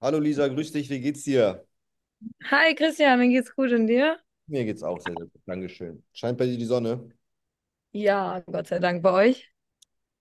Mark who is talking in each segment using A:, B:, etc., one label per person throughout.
A: Hallo Lisa, grüß dich, wie geht's dir?
B: Hi Christian, mir geht's gut und dir?
A: Mir geht's auch sehr, sehr gut, Dankeschön. Scheint bei dir die Sonne?
B: Ja, Gott sei Dank bei euch.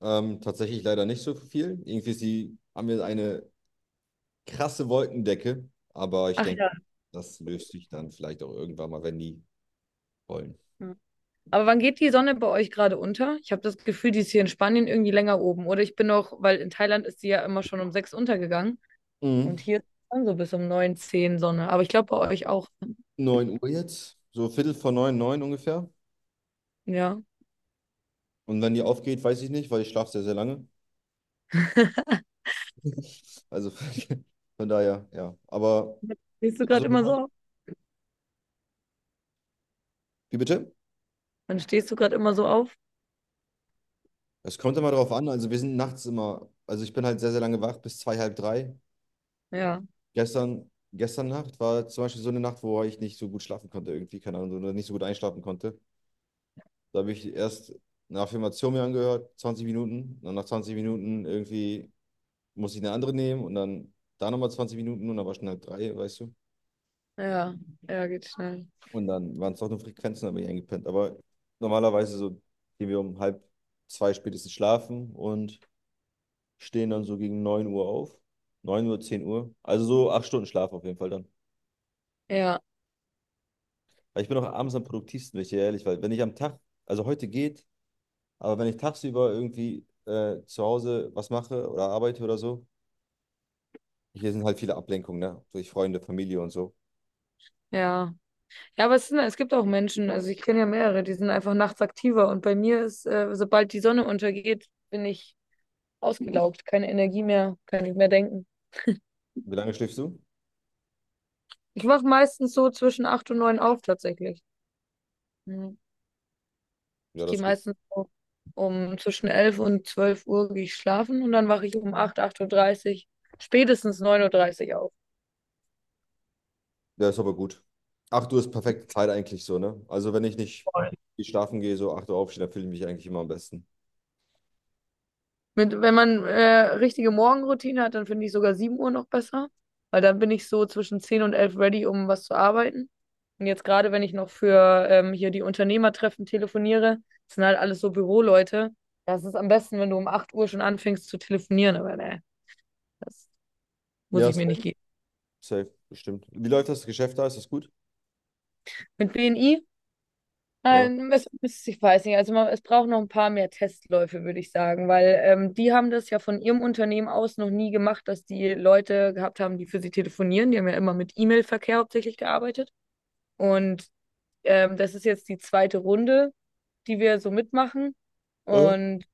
A: Tatsächlich leider nicht so viel. Irgendwie ist die, haben wir eine krasse Wolkendecke, aber ich
B: Ach
A: denke,
B: ja.
A: das löst sich dann vielleicht auch irgendwann mal, wenn die wollen.
B: Hm. Aber wann geht die Sonne bei euch gerade unter? Ich habe das Gefühl, die ist hier in Spanien irgendwie länger oben. Oder ich bin noch, weil in Thailand ist die ja immer schon um 6 untergegangen. Und
A: Mhm.
B: hier ist dann so bis um 9, 10 Sonne. Aber ich glaube bei euch auch.
A: 9 Uhr jetzt, so Viertel vor neun, neun ungefähr.
B: Ja.
A: Und wenn die aufgeht, weiß ich nicht, weil ich schlafe sehr, sehr lange. Also von daher, ja. Aber,
B: Stehst du
A: also,
B: gerade immer so auf?
A: wie bitte?
B: Dann stehst du gerade immer so auf?
A: Es kommt immer darauf an. Also wir sind nachts immer, also ich bin halt sehr, sehr lange wach, bis zwei, halb drei.
B: Ja,
A: Gestern, gestern Nacht war zum Beispiel so eine Nacht, wo ich nicht so gut schlafen konnte, irgendwie, keine Ahnung, oder nicht so gut einschlafen konnte. Da habe ich erst eine Affirmation mir angehört, 20 Minuten. Und dann nach 20 Minuten irgendwie musste ich eine andere nehmen und dann da nochmal 20 Minuten und dann war schon halb drei, weißt du.
B: ja, ja, geht schnell.
A: Und dann waren es doch nur Frequenzen, da bin ich eingepennt. Aber normalerweise so gehen wir um halb zwei spätestens schlafen und stehen dann so gegen 9 Uhr auf. 9 Uhr, 10 Uhr. Also so 8 Stunden Schlaf auf jeden Fall dann.
B: Ja,
A: Weil ich bin auch abends am produktivsten, wenn ich dir ehrlich weil wenn ich am Tag, also heute geht, aber wenn ich tagsüber irgendwie zu Hause was mache oder arbeite oder so, hier sind halt viele Ablenkungen, ne? Durch Freunde, Familie und so.
B: ja. Ja, aber es sind, es gibt auch Menschen, also ich kenne ja mehrere, die sind einfach nachts aktiver und bei mir ist, sobald die Sonne untergeht, bin ich ausgelaugt, keine Energie mehr, kann nicht mehr denken.
A: Wie lange schläfst du?
B: Ich wache meistens so zwischen 8 und 9 auf tatsächlich. Mhm.
A: Ja,
B: Ich
A: das
B: gehe
A: ist gut.
B: meistens so um zwischen 11 und 12 Uhr gehe ich schlafen und dann wache ich um 8 8:30 Uhr, dreißig, spätestens 9:30 Uhr dreißig
A: Ja, ist aber gut. 8 Uhr ist perfekte Zeit eigentlich so, ne? Also wenn ich nicht
B: auf.
A: viel schlafen gehe, so 8 Uhr aufstehe, dann fühle ich mich eigentlich immer am besten.
B: Mit, wenn man richtige Morgenroutine hat, dann finde ich sogar 7 Uhr noch besser, weil dann bin ich so zwischen 10 und 11 ready, um was zu arbeiten. Und jetzt gerade, wenn ich noch für hier die Unternehmertreffen telefoniere, das sind halt alles so Büroleute. Das ist am besten, wenn du um 8 Uhr schon anfängst zu telefonieren, aber ne, das muss
A: Ja,
B: ich mir nicht
A: safe,
B: geben.
A: safe, bestimmt. Wie läuft das Geschäft da? Ist das gut?
B: Mit BNI.
A: Ja.
B: Ich weiß nicht, also man, es braucht noch ein paar mehr Testläufe, würde ich sagen, weil die haben das ja von ihrem Unternehmen aus noch nie gemacht, dass die Leute gehabt haben, die für sie telefonieren. Die haben ja immer mit E-Mail-Verkehr hauptsächlich gearbeitet. Und das ist jetzt die zweite Runde, die wir so mitmachen.
A: Äh?
B: Und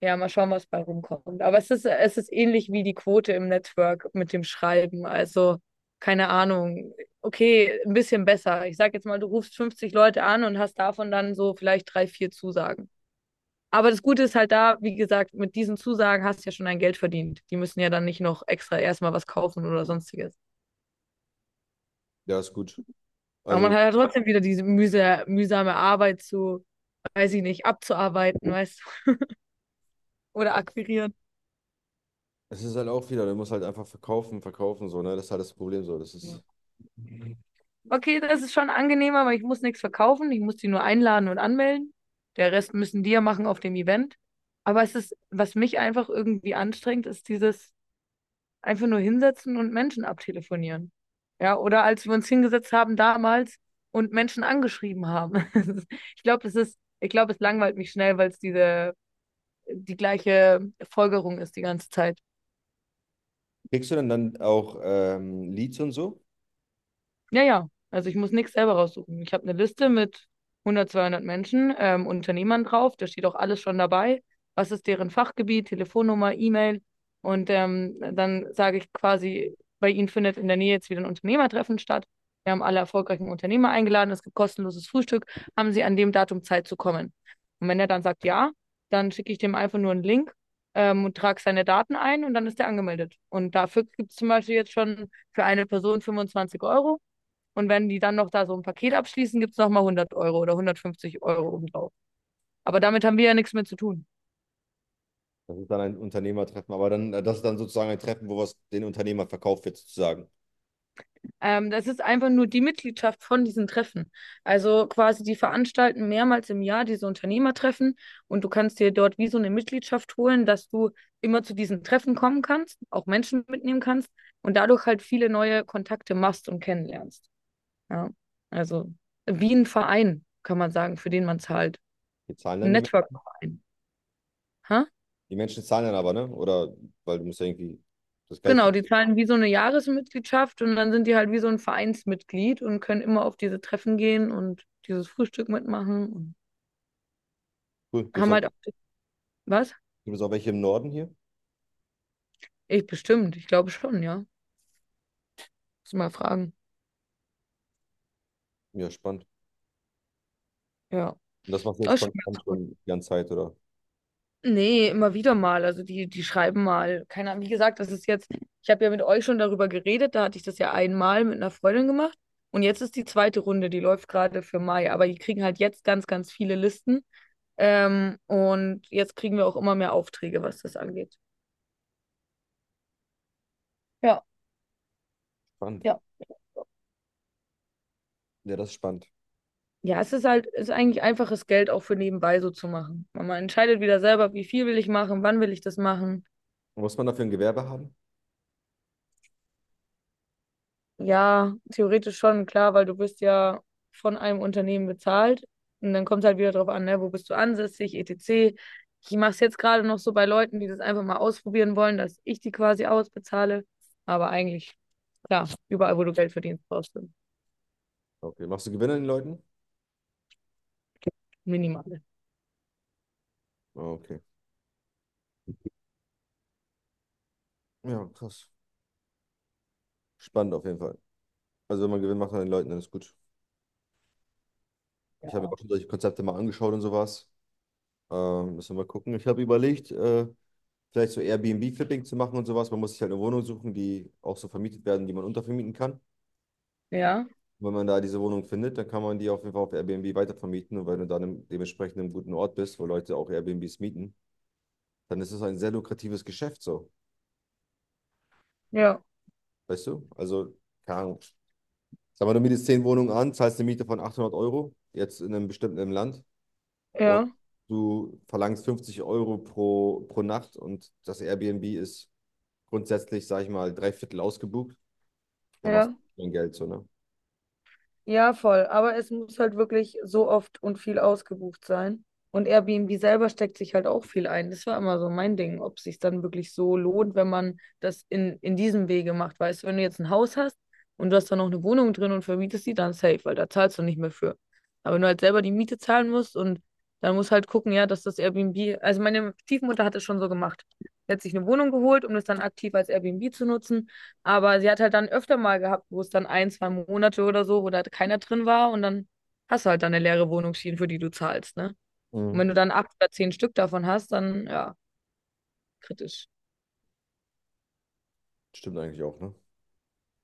B: ja, mal schauen, was bei rumkommt. Aber es ist ähnlich wie die Quote im Network mit dem Schreiben. Also, keine Ahnung. Okay, ein bisschen besser. Ich sag jetzt mal, du rufst 50 Leute an und hast davon dann so vielleicht drei, vier Zusagen. Aber das Gute ist halt da, wie gesagt, mit diesen Zusagen hast du ja schon dein Geld verdient. Die müssen ja dann nicht noch extra erstmal was kaufen oder sonstiges.
A: Ja, ist gut.
B: Aber man
A: Also
B: hat ja trotzdem wieder diese mühsame Arbeit zu, weiß ich nicht, abzuarbeiten, weißt du, oder akquirieren.
A: es ist halt auch wieder, du musst halt einfach verkaufen, verkaufen, so, ne? Das ist halt das Problem so. Das ist.
B: Okay, das ist schon angenehmer, weil ich muss nichts verkaufen. Ich muss die nur einladen und anmelden. Der Rest müssen die ja machen auf dem Event. Aber es ist, was mich einfach irgendwie anstrengt, ist dieses einfach nur hinsetzen und Menschen abtelefonieren. Ja, oder als wir uns hingesetzt haben damals und Menschen angeschrieben haben. Ich glaube, das ist, ich glaube, es langweilt mich schnell, weil es diese, die gleiche Folgerung ist die ganze Zeit.
A: Kriegst du denn dann auch Leads und so?
B: Ja, ja. Also ich muss nichts selber raussuchen. Ich habe eine Liste mit 100, 200 Menschen, Unternehmern drauf. Da steht auch alles schon dabei. Was ist deren Fachgebiet, Telefonnummer, E-Mail? Und dann sage ich quasi, bei Ihnen findet in der Nähe jetzt wieder ein Unternehmertreffen statt. Wir haben alle erfolgreichen Unternehmer eingeladen. Es gibt kostenloses Frühstück. Haben Sie an dem Datum Zeit zu kommen? Und wenn er dann sagt ja, dann schicke ich dem einfach nur einen Link und trage seine Daten ein und dann ist er angemeldet. Und dafür gibt es zum Beispiel jetzt schon für eine Person 25 € und wenn die dann noch da so ein Paket abschließen, gibt es nochmal 100 € oder 150 € obendrauf. Aber damit haben wir ja nichts mehr zu tun.
A: Das ist dann ein Unternehmertreffen, aber dann, das ist dann sozusagen ein Treffen, wo was den Unternehmer verkauft wird, sozusagen.
B: Das ist einfach nur die Mitgliedschaft von diesen Treffen. Also quasi, die veranstalten mehrmals im Jahr diese Unternehmertreffen und du kannst dir dort wie so eine Mitgliedschaft holen, dass du immer zu diesen Treffen kommen kannst, auch Menschen mitnehmen kannst und dadurch halt viele neue Kontakte machst und kennenlernst. Ja, also wie ein Verein, kann man sagen, für den man zahlt.
A: Die zahlen
B: Ein
A: dann die Menschen.
B: Network-Verein. Ha?
A: Die Menschen zahlen dann aber, ne? Oder weil du musst ja irgendwie das Geld
B: Genau, die
A: verdienen.
B: zahlen wie so eine Jahresmitgliedschaft und dann sind die halt wie so ein Vereinsmitglied und können immer auf diese Treffen gehen und dieses Frühstück mitmachen und
A: Cool.
B: haben halt auch. Was?
A: Gibt's auch welche im Norden hier?
B: Ich bestimmt, ich glaube schon, ja. Muss mal fragen.
A: Ja, spannend.
B: Ja.
A: Und das machst du
B: Das
A: jetzt
B: ist
A: konstant
B: schon.
A: schon die ganze Zeit, oder?
B: Nee, immer wieder mal. Also die schreiben mal. Keine Ahnung. Wie gesagt, das ist jetzt, ich habe ja mit euch schon darüber geredet, da hatte ich das ja einmal mit einer Freundin gemacht. Und jetzt ist die zweite Runde, die läuft gerade für Mai, aber die kriegen halt jetzt ganz, ganz viele Listen. Und jetzt kriegen wir auch immer mehr Aufträge, was das angeht. Ja,
A: Spannend.
B: ja.
A: Ja, das ist spannend.
B: Ja, es ist halt, es ist eigentlich einfaches Geld auch für nebenbei so zu machen. Man entscheidet wieder selber, wie viel will ich machen, wann will ich das machen.
A: Muss man dafür ein Gewerbe haben?
B: Ja, theoretisch schon, klar, weil du bist ja von einem Unternehmen bezahlt. Und dann kommt es halt wieder drauf an, ne, wo bist du ansässig, etc. Ich mache es jetzt gerade noch so bei Leuten, die das einfach mal ausprobieren wollen, dass ich die quasi ausbezahle. Aber eigentlich, klar, überall, wo du Geld verdienst, brauchst du.
A: Okay. Machst du Gewinn an den Leuten?
B: Minimale.
A: Ah, okay. Ja, krass. Spannend auf jeden Fall. Also wenn man Gewinn macht an den Leuten, dann ist gut. Ich habe mir
B: Ja,
A: auch schon solche Konzepte mal angeschaut und sowas. Müssen wir mal gucken. Ich habe überlegt, vielleicht so Airbnb-Flipping zu machen und sowas. Man muss sich halt eine Wohnung suchen, die auch so vermietet werden, die man untervermieten kann.
B: ja,
A: Wenn man da diese Wohnung findet, dann kann man die auf jeden Fall auf Airbnb weitervermieten. Und wenn du dann dementsprechend im guten Ort bist, wo Leute auch Airbnbs mieten, dann ist es ein sehr lukratives Geschäft so.
B: ja,
A: Weißt du? Also, keine Ahnung. Sag mal, du mietest 10 Wohnungen an, zahlst eine Miete von 800 Euro, jetzt in einem bestimmten Land. Und du verlangst 50 Euro pro Nacht und das Airbnb ist grundsätzlich, sag ich mal, drei Viertel ausgebucht. Da machst
B: ja.
A: du dein Geld so, ne?
B: Ja, voll. Aber es muss halt wirklich so oft und viel ausgebucht sein. Und Airbnb selber steckt sich halt auch viel ein. Das war immer so mein Ding, ob es sich dann wirklich so lohnt, wenn man das in diesem Wege macht. Weißt du, wenn du jetzt ein Haus hast und du hast da noch eine Wohnung drin und vermietest die, dann safe, weil da zahlst du nicht mehr für. Aber wenn du halt selber die Miete zahlen musst und dann musst halt gucken, ja, dass das Airbnb, also meine Stiefmutter hat es schon so gemacht. Sie hat sich eine Wohnung geholt, um das dann aktiv als Airbnb zu nutzen. Aber sie hat halt dann öfter mal gehabt, wo es dann ein, zwei Monate oder so, wo da keiner drin war und dann hast du halt dann eine leere Wohnungsschiene, für die du zahlst, ne? Und
A: Mhm.
B: wenn du dann acht oder zehn Stück davon hast, dann ja, kritisch.
A: Stimmt eigentlich auch, ne?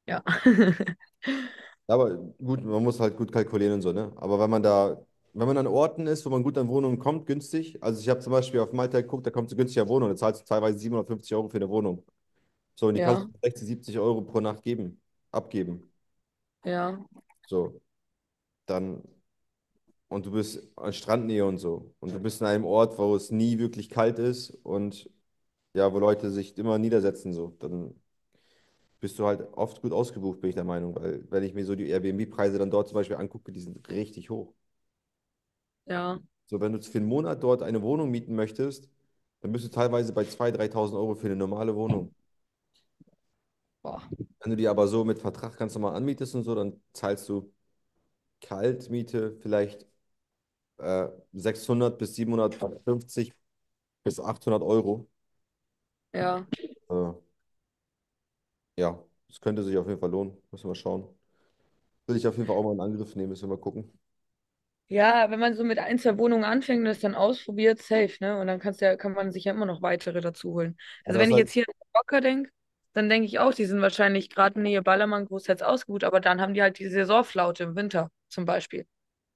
B: Ja.
A: Ja, aber gut, man muss halt gut kalkulieren und so, ne? Aber wenn man an Orten ist, wo man gut an Wohnungen kommt, günstig. Also ich habe zum Beispiel auf Malta geguckt, da kommst du günstiger Wohnung, da zahlst du teilweise 750 € für eine Wohnung. So, und die kannst du
B: Ja,
A: für 60, 70 € pro Nacht abgeben.
B: ja,
A: So, dann, und du bist an Strandnähe und so. Und du bist in einem Ort, wo es nie wirklich kalt ist und ja, wo Leute sich immer niedersetzen, so. Dann bist du halt oft gut ausgebucht, bin ich der Meinung, weil wenn ich mir so die Airbnb-Preise dann dort zum Beispiel angucke, die sind richtig hoch.
B: ja.
A: So, wenn du für einen Monat dort eine Wohnung mieten möchtest, dann bist du teilweise bei 2.000, 3.000 Euro für eine normale Wohnung.
B: Boah.
A: Wenn du die aber so mit Vertrag ganz normal anmietest und so, dann zahlst du Kaltmiete vielleicht äh, 600 bis 750 bis 800 Euro.
B: Ja.
A: Äh, ja, das könnte sich auf jeden Fall lohnen. Müssen wir mal schauen. Will ich auf jeden Fall auch mal in Angriff nehmen, müssen wir mal gucken.
B: Ja, wenn man so mit ein, zwei Wohnungen anfängt und das dann ausprobiert, safe, ne? Und dann kannst du ja, kann man sich ja immer noch weitere dazu holen.
A: Aber
B: Also
A: das
B: wenn
A: ist
B: ich
A: halt.
B: jetzt hier an Mallorca denke, dann denke ich auch, die sind wahrscheinlich gerade Nähe Ballermann großteils ausgebucht, aber dann haben die halt die Saisonflaute im Winter zum Beispiel,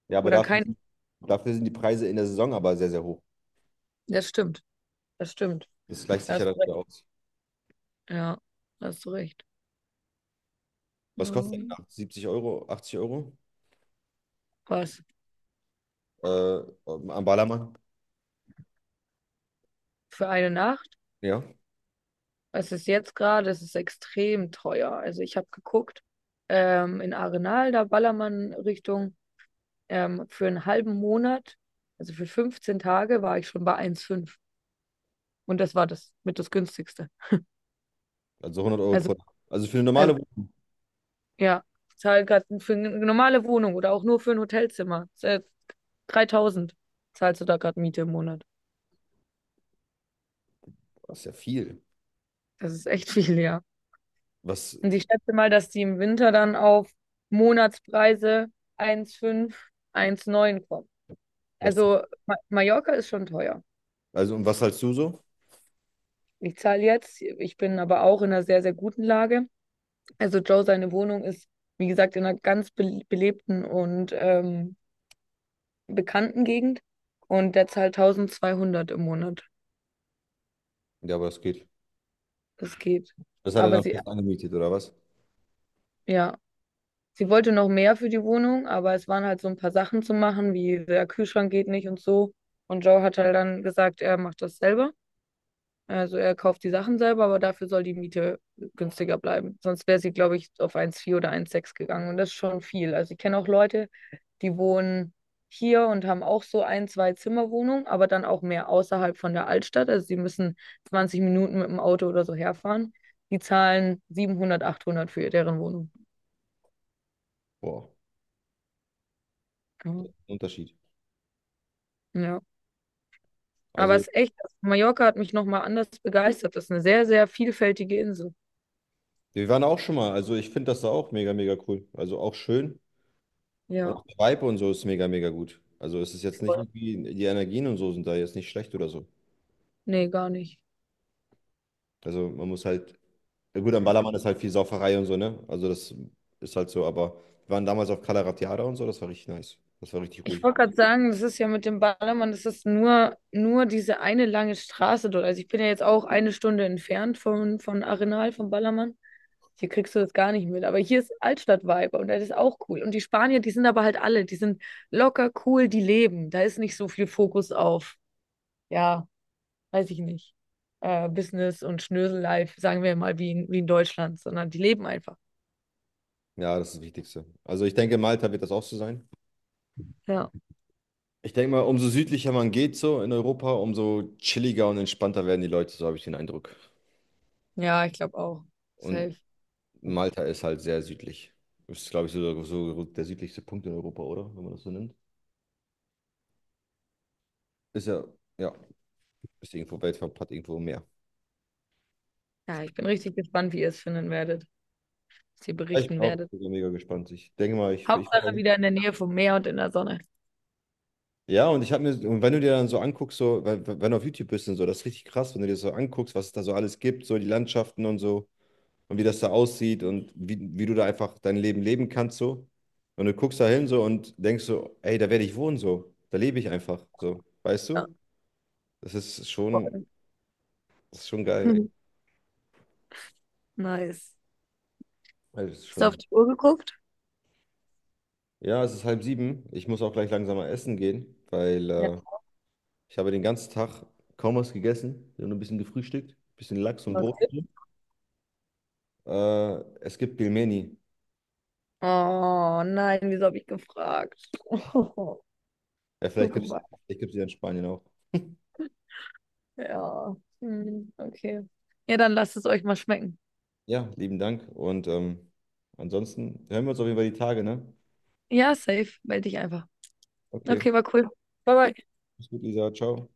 A: Ja,
B: wo
A: aber
B: dann kein.
A: dafür sind die Preise in der Saison aber sehr, sehr hoch.
B: Das stimmt, das stimmt.
A: Das gleicht
B: Da
A: sich ja
B: hast
A: dann
B: du recht.
A: wieder aus.
B: Ja, da hast du recht.
A: Was kostet denn
B: Oh,
A: nach 70 Euro, 80 €
B: was?
A: äh, am Ballermann?
B: Für eine Nacht?
A: Ja,
B: Es ist jetzt gerade, es ist extrem teuer. Also ich habe geguckt, in Arenal, da Ballermann Richtung, für einen halben Monat, also für 15 Tage, war ich schon bei 1,5. Und das war das mit das günstigste.
A: also 100 €
B: Also,
A: pro Tag. Also für eine
B: also
A: normale Wohnung,
B: ja, ich zahle gerade für eine normale Wohnung oder auch nur für ein Hotelzimmer. 3.000 zahlst du da gerade Miete im Monat.
A: das ist ja viel.
B: Das ist echt viel, ja.
A: Was,
B: Und ich schätze mal, dass die im Winter dann auf Monatspreise 1,5, neun kommen.
A: was,
B: Also Ma Mallorca ist schon teuer.
A: also, und was zahlst du so?
B: Ich zahle jetzt, ich bin aber auch in einer sehr, sehr guten Lage. Also Joe, seine Wohnung ist, wie gesagt, in einer ganz be belebten und bekannten Gegend. Und der zahlt 1200 im Monat.
A: Ja, aber das geht.
B: Das geht.
A: Das hat er
B: Aber
A: dann
B: sie,
A: fest angemietet, oder was?
B: ja. Sie wollte noch mehr für die Wohnung, aber es waren halt so ein paar Sachen zu machen, wie der Kühlschrank geht nicht und so. Und Joe hat halt dann gesagt, er macht das selber. Also er kauft die Sachen selber, aber dafür soll die Miete günstiger bleiben. Sonst wäre sie, glaube ich, auf 1,4 oder 1,6 gegangen. Und das ist schon viel. Also ich kenne auch Leute, die wohnen hier und haben auch so ein, zwei Zimmerwohnungen, aber dann auch mehr außerhalb von der Altstadt. Also sie müssen 20 Minuten mit dem Auto oder so herfahren. Die zahlen 700 800 für deren Wohnung.
A: Boah,
B: Ja.
A: Unterschied.
B: Ja. Aber es
A: Also,
B: ist echt, Mallorca hat mich nochmal anders begeistert. Das ist eine sehr, sehr vielfältige Insel.
A: wir waren auch schon mal. Also, ich finde das da auch mega, mega cool. Also, auch schön. Und
B: Ja,
A: auch der Vibe und so ist mega, mega gut. Also, es ist jetzt nicht
B: voll.
A: irgendwie, die Energien und so sind da jetzt nicht schlecht oder so.
B: Nee, gar nicht.
A: Also man muss halt, ja gut, am Ballermann ist halt viel Sauferei und so, ne? Also das ist halt so, aber wir waren damals auf Cala Ratjada und so, das war richtig nice. Das war richtig
B: Ich
A: ruhig.
B: wollte gerade sagen, das ist ja mit dem Ballermann, das ist nur diese eine lange Straße dort. Also ich bin ja jetzt auch eine Stunde entfernt von Arenal, vom Ballermann. Hier kriegst du das gar nicht mit. Aber hier ist Altstadt-Vibe und das ist auch cool. Und die Spanier, die sind aber halt alle, die sind locker, cool, die leben. Da ist nicht so viel Fokus auf, ja. Weiß ich nicht, Business und Schnösel-Life, sagen wir mal, wie in Deutschland, sondern die leben einfach.
A: Ja, das ist das Wichtigste. Also ich denke, Malta wird das auch so sein.
B: Ja,
A: Ich denke mal, umso südlicher man geht so in Europa, umso chilliger und entspannter werden die Leute, so habe ich den Eindruck.
B: ja, ich glaube auch.
A: Und
B: Safe.
A: Malta ist halt sehr südlich. Ist, glaube ich, so, so der südlichste Punkt in Europa, oder? Wenn man das so nennt. Ist ja, ja, ist irgendwo weltweit, hat irgendwo mehr.
B: Ja, ich bin richtig gespannt, wie ihr es finden werdet, was ihr
A: Ich bin
B: berichten
A: auch
B: werdet.
A: mega gespannt. Ich denke mal, ich
B: Hauptsache
A: bin.
B: wieder in der Nähe vom Meer und in der Sonne.
A: Ja, und wenn du dir dann so anguckst, so, wenn du auf YouTube bist und so, das ist richtig krass, wenn du dir das so anguckst, was es da so alles gibt, so die Landschaften und so, und wie das da aussieht und wie du da einfach dein Leben leben kannst, so. Und du guckst da hin so und denkst so, ey, da werde ich wohnen, so. Da lebe ich einfach, so. Weißt
B: Ja,
A: du? Das ist schon,
B: voll.
A: das ist schon geil, ey.
B: Nice.
A: Also,
B: Hast du auf die Uhr geguckt?
A: ja, es ist halb sieben. Ich muss auch gleich langsam mal essen gehen, weil
B: Ja,
A: ich habe den ganzen Tag kaum was gegessen. Ich habe nur ein bisschen gefrühstückt, ein bisschen Lachs und
B: noch ein
A: Brot.
B: Tipp?
A: Es gibt Pilmeni.
B: Oh nein, wieso habe ich gefragt? Oh,
A: Ja,
B: so gemacht.
A: vielleicht gibt's die in Spanien auch.
B: Ja, hm, okay. Ja, dann lasst es euch mal schmecken.
A: Ja, lieben Dank. Und ansonsten hören wir uns auf jeden Fall die Tage, ne?
B: Ja, safe. Meld dich einfach.
A: Okay.
B: Okay, war cool. Bye, bye.
A: Mach's gut, Lisa. Ciao.